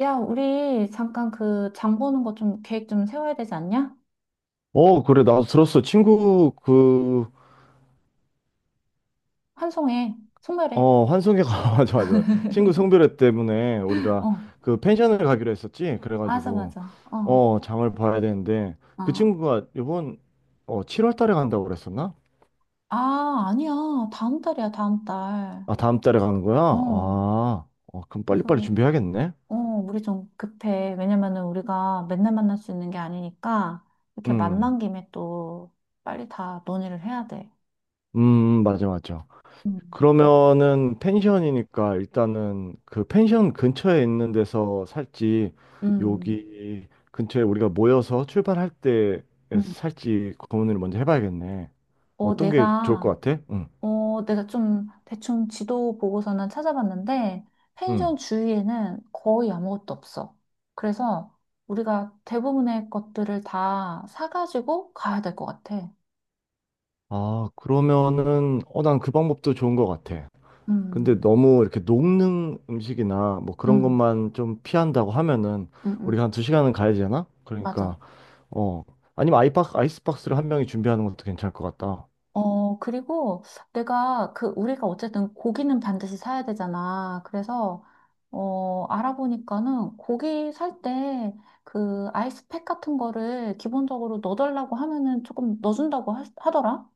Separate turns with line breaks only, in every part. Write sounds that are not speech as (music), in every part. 야, 우리 잠깐 그 장 보는 거 좀 계획 좀 세워야 되지 않냐?
그래, 나도 들었어. 친구,
환송해. 송별해.
환승회가, (laughs) 맞아, 맞아. 친구
(laughs)
성별회 때문에 우리가
어,
그 펜션을 가기로 했었지?
맞아,
그래가지고,
맞아.
장을 봐야 되는데, 그
아,
친구가 이번 7월 달에 간다고 그랬었나?
아, 아니야. 다음 달이야, 다음 달.
아, 다음 달에 가는 거야?
어,
그럼 빨리빨리
그래서,
준비해야겠네?
우리 좀 급해. 왜냐면은 우리가 맨날 만날 수 있는 게 아니니까, 이렇게
음,
만난 김에 또 빨리 다 논의를 해야 돼.
맞아, 맞아.
음,
그러면은 펜션이니까 일단은 그 펜션 근처에 있는 데서 살지
음,
여기 근처에 우리가 모여서 출발할 때
음.
살지 고민을 먼저 해봐야겠네.
어,
어떤 게 좋을
내가
것 같아? 응,
내가 좀 대충 지도 보고서는 찾아봤는데,
응.
펜션 주위에는 거의 아무것도 없어. 그래서 우리가 대부분의 것들을 다 사가지고 가야 될 것 같아.
그러면은 난 그 방법도 좋은 것 같아. 근데
음,
너무 이렇게 녹는 음식이나 뭐 그런
음,
것만 좀 피한다고 하면은
음,
우리가
음,
한 두 시간은 가야 되잖아?
맞아.
그러니까 어 아니면 아이박 아이스박스를 한 명이 준비하는 것도 괜찮을 것 같다.
어, 그리고 내가 우리가 어쨌든 고기는 반드시 사야 되잖아. 그래서, 알아보니까는 고기 살 때 그 아이스팩 같은 거를 기본적으로 넣어달라고 하면은 조금 넣어준다고 하더라.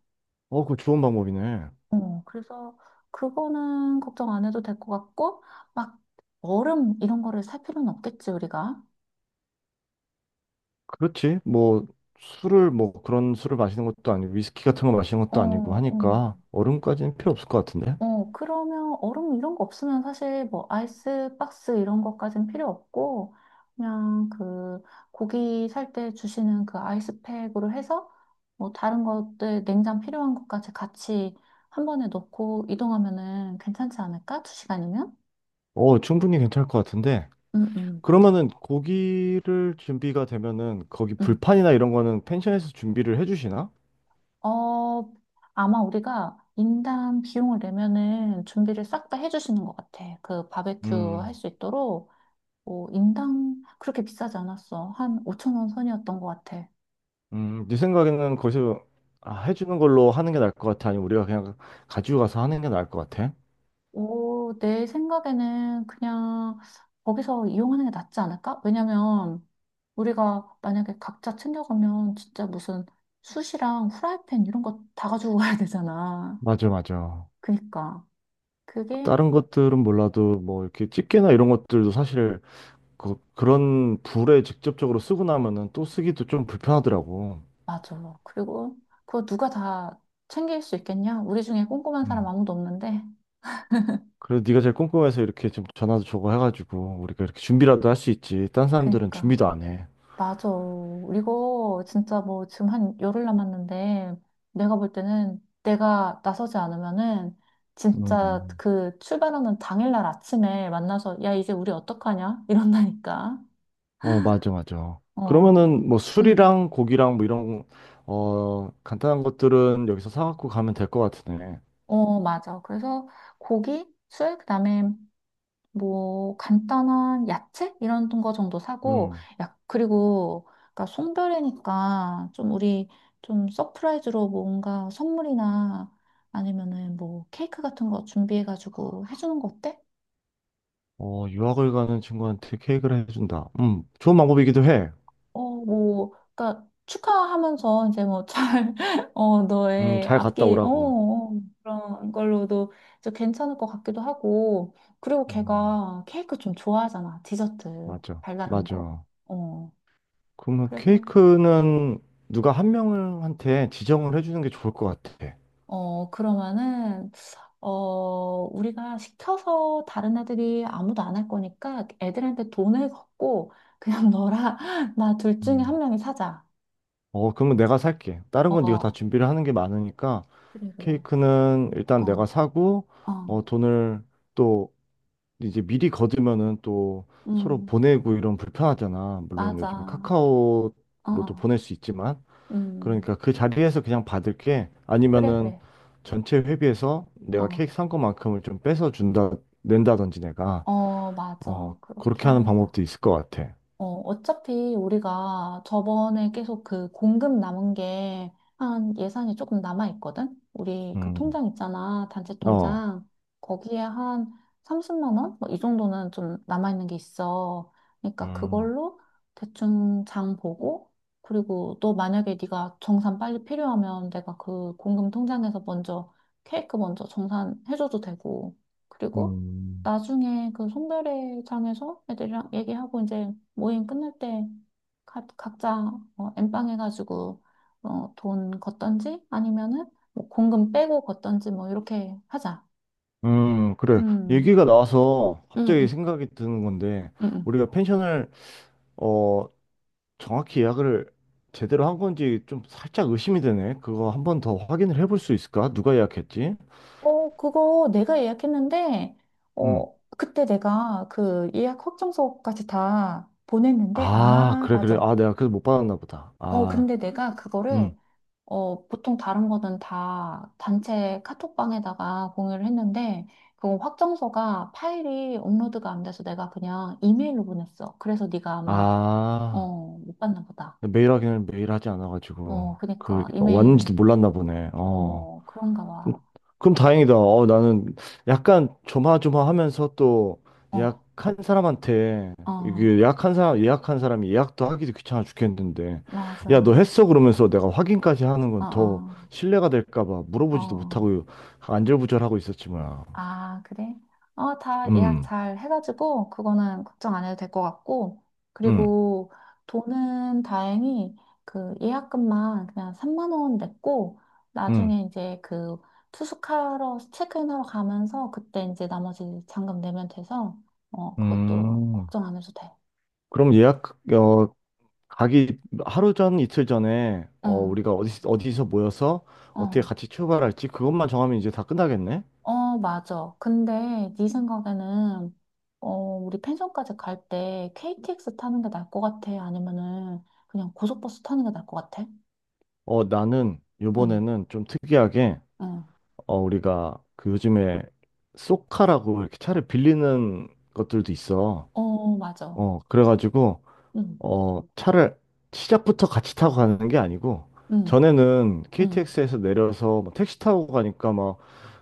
어, 그거 좋은 방법이네.
어, 그래서 그거는 걱정 안 해도 될 것 같고, 막 얼음 이런 거를 살 필요는 없겠지, 우리가.
그렇지. 뭐, 술을, 뭐, 그런 술을 마시는 것도 아니고, 위스키 같은 거 마시는
어,
것도 아니고
어,
하니까, 얼음까지는 필요 없을 것 같은데?
그러면 얼음 이런 거 없으면 사실 뭐 아이스 박스 이런 것까진 필요 없고, 그냥 그 고기 살 때 주시는 그 아이스팩으로 해서 뭐 다른 것들 냉장 필요한 것까지 같이 한 번에 넣고 이동하면은 괜찮지 않을까? 두 시간이면?
어, 충분히 괜찮을 것 같은데?
응, 응, 맞아.
그러면은, 고기를 준비가 되면은, 거기 불판이나 이런 거는 펜션에서 준비를 해주시나?
어, 아마 우리가 인당 비용을 내면은 준비를 싹 다 해주시는 것 같아. 그 바베큐
음,
할 수 있도록, 뭐, 인당 그렇게 비싸지 않았어. 한 5천 원 선이었던 것 같아.
네 생각에는 거기서 아, 해주는 걸로 하는 게 나을 것 같아? 아니면 우리가 그냥 가지고 가서 하는 게 나을 것 같아?
오, 내 생각에는 그냥 거기서 이용하는 게 낫지 않을까? 왜냐면 우리가 만약에 각자 챙겨가면 진짜 무슨 숯이랑 후라이팬 이런 거 다 가지고 (laughs) 가야 되잖아.
맞아, 맞아.
그니까. 그게
다른 것들은 몰라도, 뭐, 이렇게 집게나 이런 것들도 사실, 그런 불에 직접적으로 쓰고 나면은 또 쓰기도 좀 불편하더라고.
맞아. 그리고 그거 누가 다 챙길 수 있겠냐? 우리 중에 꼼꼼한 사람
음.
아무도 없는데.
그래도 네가 제일 꼼꼼해서 이렇게 좀 전화도 주고 해가지고 우리가 이렇게 준비라도 할 수 있지. 딴 사람들은
그니까.
준비도 안 해.
맞아. 이거 진짜 뭐 지금 한 10일 남았는데 내가 볼 때는 내가 나서지 않으면은 진짜
음.
그 출발하는 당일날 아침에 만나서 야, 이제 우리 어떡하냐? 이런다니까.
어, 맞아, 맞아.
어.
그러면은 뭐
응.
술이랑 고기랑 뭐 이런 간단한 것들은 여기서 사갖고 가면 될 것 같으네.
어, 맞아. 그래서 고기, 술, 그다음에 뭐 간단한 야채 이런 거 정도 사고
음.
야 그리고 그러니까 송별회니까 좀 우리 좀 서프라이즈로 뭔가 선물이나 아니면은 뭐 케이크 같은 거 준비해가지고 해주는 거 어때?
어, 유학을 가는 친구한테 케이크를 해준다. 좋은 방법이기도 해.
어뭐 그러니까 축하하면서 이제 뭐잘어 (laughs) 너의
잘 갔다
앞길
오라고.
그런 걸로도 좀 괜찮을 것 같기도 하고 그리고
음,
걔가 케이크 좀 좋아하잖아. 디저트
맞아,
달달한 거.
맞아.
어.
그러면
그래서
케이크는 누가 한 명한테 지정을 해주는 게 좋을 것 같아.
어, 그러면은, 어, 우리가 시켜서 다른 애들이 아무도 안 할 거니까 애들한테 돈을 걷고 그냥 (laughs) 너랑 나 둘 중에
음.
한 명이 사자.
어, 그러면 내가 살게. 다른 건 네가 다
어,
준비를 하는 게 많으니까
그래, 그래.
케이크는 일단
어,
내가 사고
어,
어, 돈을 또 이제 미리 거두면은 또 서로
음,
보내고 이런 불편하잖아. 물론 요즘에
맞아. 어,
카카오로도
어,
보낼 수 있지만
음,
그러니까 그 자리에서 그냥 받을게.
그래,
아니면은
그래.
전체 회비에서
어,
내가 케이크 산 것만큼을 좀 뺏어 준다 낸다든지 내가. 어,
맞아. 그렇게
그렇게 하는
하자.
방법도 있을 것 같아.
어, 어차피 우리가 저번에 계속 그 공급 남은 게 한 예산이 조금 남아 있거든? 우리 그
음,
통장 있잖아, 단체
어,
통장. 거기에 한 30만 원? 뭐 이 정도는 좀 남아 있는 게 있어. 그러니까
음,
그걸로 대충 장 보고 그리고 또 만약에 네가 정산 빨리 필요하면 내가 그 공금 통장에서 먼저 케이크 먼저 정산해줘도 되고. 그리고
음,
나중에 그 송별회장에서 애들이랑 얘기하고 이제 모임 끝날 때 각자 어, 엠빵 해가지고 어, 돈 걷던지 아니면은 뭐 공금 빼고 걷던지 뭐 이렇게 하자.
그래.
음,
얘기가 나와서
음,
갑자기
음,
생각이 드는 건데,
음. 음.
우리가 펜션을, 어, 정확히 예약을 제대로 한 건지 좀 살짝 의심이 되네. 그거 한번 더 확인을 해볼 수 있을까? 누가 예약했지?
어, 그거 내가 예약했는데
음.
어, 그때 내가 그 예약 확정서까지 다 보냈는데
아,
아,
그래, 그래.
맞아.
아, 내가 그래서 못 받았나 보다.
어, 근데 내가
음,
그거를 보통 다른 거는 다 단체 카톡방에다가 공유를 했는데, 그건 확정서가 파일이 업로드가 안 돼서 내가 그냥 이메일로 보냈어. 그래서 네가 아마,
아.
어, 못 봤나 보다.
메일 확인을 매일 하지
어,
않아가지고, 그,
그니까,
왔는지도
이메일,
몰랐나 보네. 어.
어, 그런가
음, 그럼
봐.
그럼 다행이다. 어, 나는 약간 조마조마하면서 또
어,
예약한 사람한테
어,
이게 예약한 사람이 예약도 하기도 귀찮아 죽겠는데 야, 너
맞아.
했어? 그러면서 내가 확인까지 하는
어,
건 더
어,
신뢰가 될까 봐 물어보지도
어.
못하고 안절부절하고 있었지 뭐야.
아, 그래? 어, 다 예약
음.
잘 해가지고, 그거는 걱정 안 해도 될 것 같고,
음.
그리고 돈은 다행히 그 예약금만 그냥 3만 원 냈고,
음.
나중에 이제 그 투숙하러, 체크인하러 가면서, 그때 이제 나머지 잔금 내면 돼서, 어, 그것도
음.
걱정 안 해도 돼.
그럼 예약 가기 하루 전 이틀 전에
응,
우리가 어디서 모여서 어떻게
어.
같이 출발할지 그것만 정하면 이제 다 끝나겠네.
어, 맞아. 근데 네 생각에는 어, 우리 펜션까지 갈 때 KTX 타는 게 나을 것 같아? 아니면은 그냥 고속버스 타는 게 나을 것 같아?
나는
응,
요번에는 좀 특이하게,
응.
어, 우리가 그 요즘에 쏘카라고 이렇게 차를 빌리는 것들도 있어.
어, 맞아.
어, 그래가지고,
응,
차를 시작부터 같이 타고 가는 게 아니고,
응,
전에는
응.
KTX에서 내려서 뭐 택시 타고 가니까 막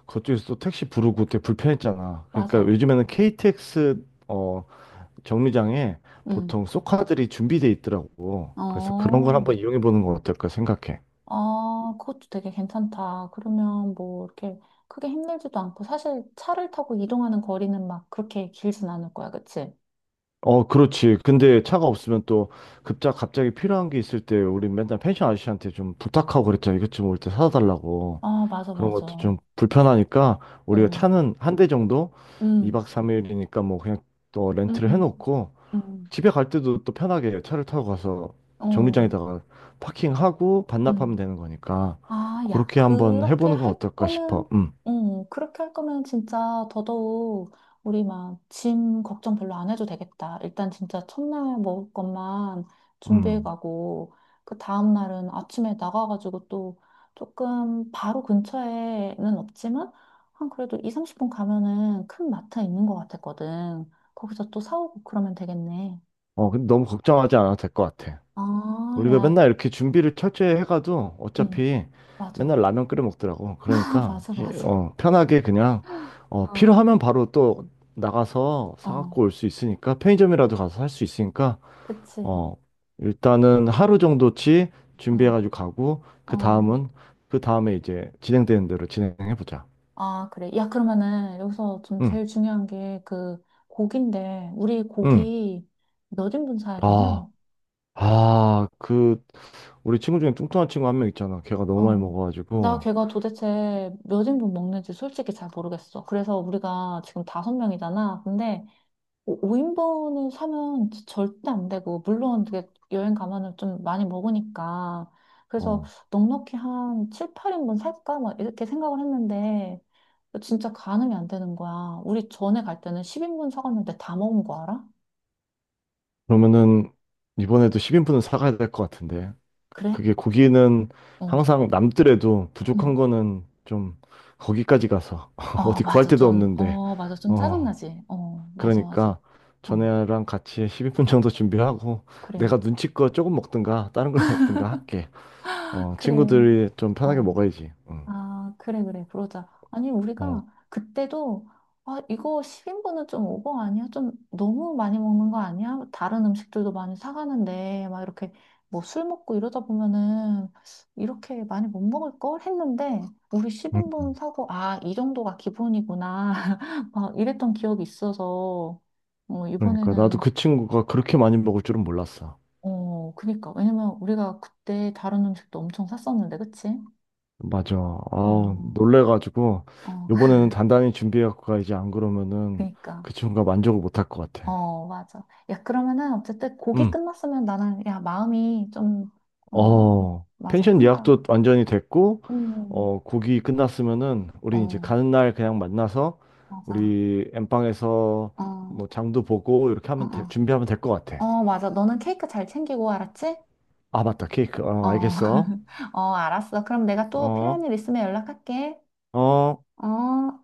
그쪽에서 또 택시 부르고 되게 불편했잖아. 그러니까
맞아.
요즘에는 KTX, 정류장에
응.
보통 쏘카들이 준비돼 있더라고. 그래서 그런 걸
어,
한번 이용해 보는 건 어떨까 생각해.
아, 그것도 되게 괜찮다. 그러면 뭐 이렇게 크게 힘들지도 않고 사실 차를 타고 이동하는 거리는 막 그렇게 길진 않을 거야, 그치?
어, 그렇지. 근데 차가 없으면 또 급작 갑자기 필요한 게 있을 때 우리 맨날 펜션 아저씨한테 좀 부탁하고 그랬잖아. 이것 좀 올 때 사다 달라고.
아, 맞아,
그런
맞아.
것도 좀 불편하니까 우리가 차는 한 대 정도
응,
2박 3일이니까 뭐 그냥 또
응,
렌트를
응,
해놓고
응.
집에 갈 때도 또 편하게 차를 타고 가서
어,
정류장에다가 파킹하고 반납하면
음.
되는 거니까
아, 야,
그렇게 한번
그렇게
해보는 건
할
어떨까
거면,
싶어.
그렇게 할 거면 진짜 더더욱 우리 막 짐 걱정 별로 안 해도 되겠다. 일단 진짜 첫날 먹을 것만 준비해
음.
가고, 그 다음날은 아침에 나가가지고 또 조금 바로 근처에는 없지만, 한 그래도 2, 30분 가면은 큰 마트 있는 것 같았거든. 거기서 또 사오고 그러면 되겠네.
어, 근데 너무 걱정하지 않아도 될 것 같아.
아,
우리가
야,
맨날 이렇게 준비를 철저히 해가도
음,
어차피
맞아.
맨날 라면 끓여 먹더라고.
(laughs) 아,
그러니까
맞아,
시-
맞아.
어, 편하게 그냥 어,
어.
필요하면 바로 또 나가서
어,
사갖고 올 수 있으니까 편의점이라도 가서 살 수 있으니까
그치.
어, 일단은 하루 정도치
어,
준비해가지고 가고 그
어.
다음은 그 다음에 이제 진행되는 대로 진행해보자.
아, 그래. 야, 그러면은 여기서 좀
응,
제일 중요한 게 그 고기인데, 우리
응.
고기 몇 인분 사야 되냐?
아, 아, 우리 친구 중에 뚱뚱한 친구 한 명 있잖아. 걔가 너무 많이
어. 나
먹어가지고.
걔가 도대체 몇 인분 먹는지 솔직히 잘 모르겠어. 그래서 우리가 지금 다섯 명이잖아. 근데 5인분을 사면 절대 안 되고, 물론 그게 여행 가면은 좀 많이 먹으니까. 그래서
어,
넉넉히 한 7, 8인분 살까? 막 이렇게 생각을 했는데, 진짜 가늠이 안 되는 거야. 우리 전에 갈 때는 10인분 사갔는데 다 먹은 거 알아?
그러면은 이번에도 10인분은 사가야 될 것 같은데.
그래?
그게 고기는
어.
항상 남더라도 부족한
응.
거는 좀 거기까지 가서 (laughs)
어,
어디 구할
맞아.
데도
좀,
없는데.
어, 맞아. 좀
어,
짜증나지? 어, 맞아, 맞아.
그러니까
어,
전에랑 같이 10인분 정도 준비하고
그래.
내가 눈치껏 조금 먹든가 다른 걸 (laughs) 먹든가 할게. 어,
(laughs) 그래.
친구들이 좀 편하게
어.
먹어야지. 응.
아, 그래, 그래, 그러자. 아니,
어,
우리가 그때도, 아, 이거 10인분은 좀 오버 아니야? 좀 너무 많이 먹는 거 아니야? 다른 음식들도 많이 사가는데, 막 이렇게 뭐 술 먹고 이러다 보면은 이렇게 많이 못 먹을 걸 했는데, 우리
음.
10인분 사고, 아, 이 정도가 기본이구나. (laughs) 막 이랬던 기억이 있어서, 어,
그러니까 나도
이번에는,
그 친구가 그렇게 많이 먹을 줄은 몰랐어.
어, 그니까. 왜냐면 우리가 그때 다른 음식도 엄청 샀었는데, 그치?
맞아. 아,
어,
놀래가지고
어, (laughs)
요번에는 단단히 준비해갖고 가 이제 안 그러면은
그니까.
그 친구가 만족을 못할 것 같아.
어, 맞아. 야, 그러면은 어쨌든 곡이
음.
끝났으면 나는 야, 마음이 좀 어,
어,
맞아.
펜션
한가.
예약도 완전히 됐고
음.
어, 곡이 끝났으면은 우린 이제
어,
가는 날 그냥 만나서
맞아.
우리 엠빵에서
어, 어,
뭐 장도 보고 이렇게 하면
어.
준비하면 될 것 같아.
어, 맞아. 너는 케이크 잘 챙기고 알았지?
아, 맞다. 케이크.
어.
어, 알겠어.
(laughs) 어, 알았어. 그럼 내가 또 필요한
어.
일 있으면 연락할게.
어.
어.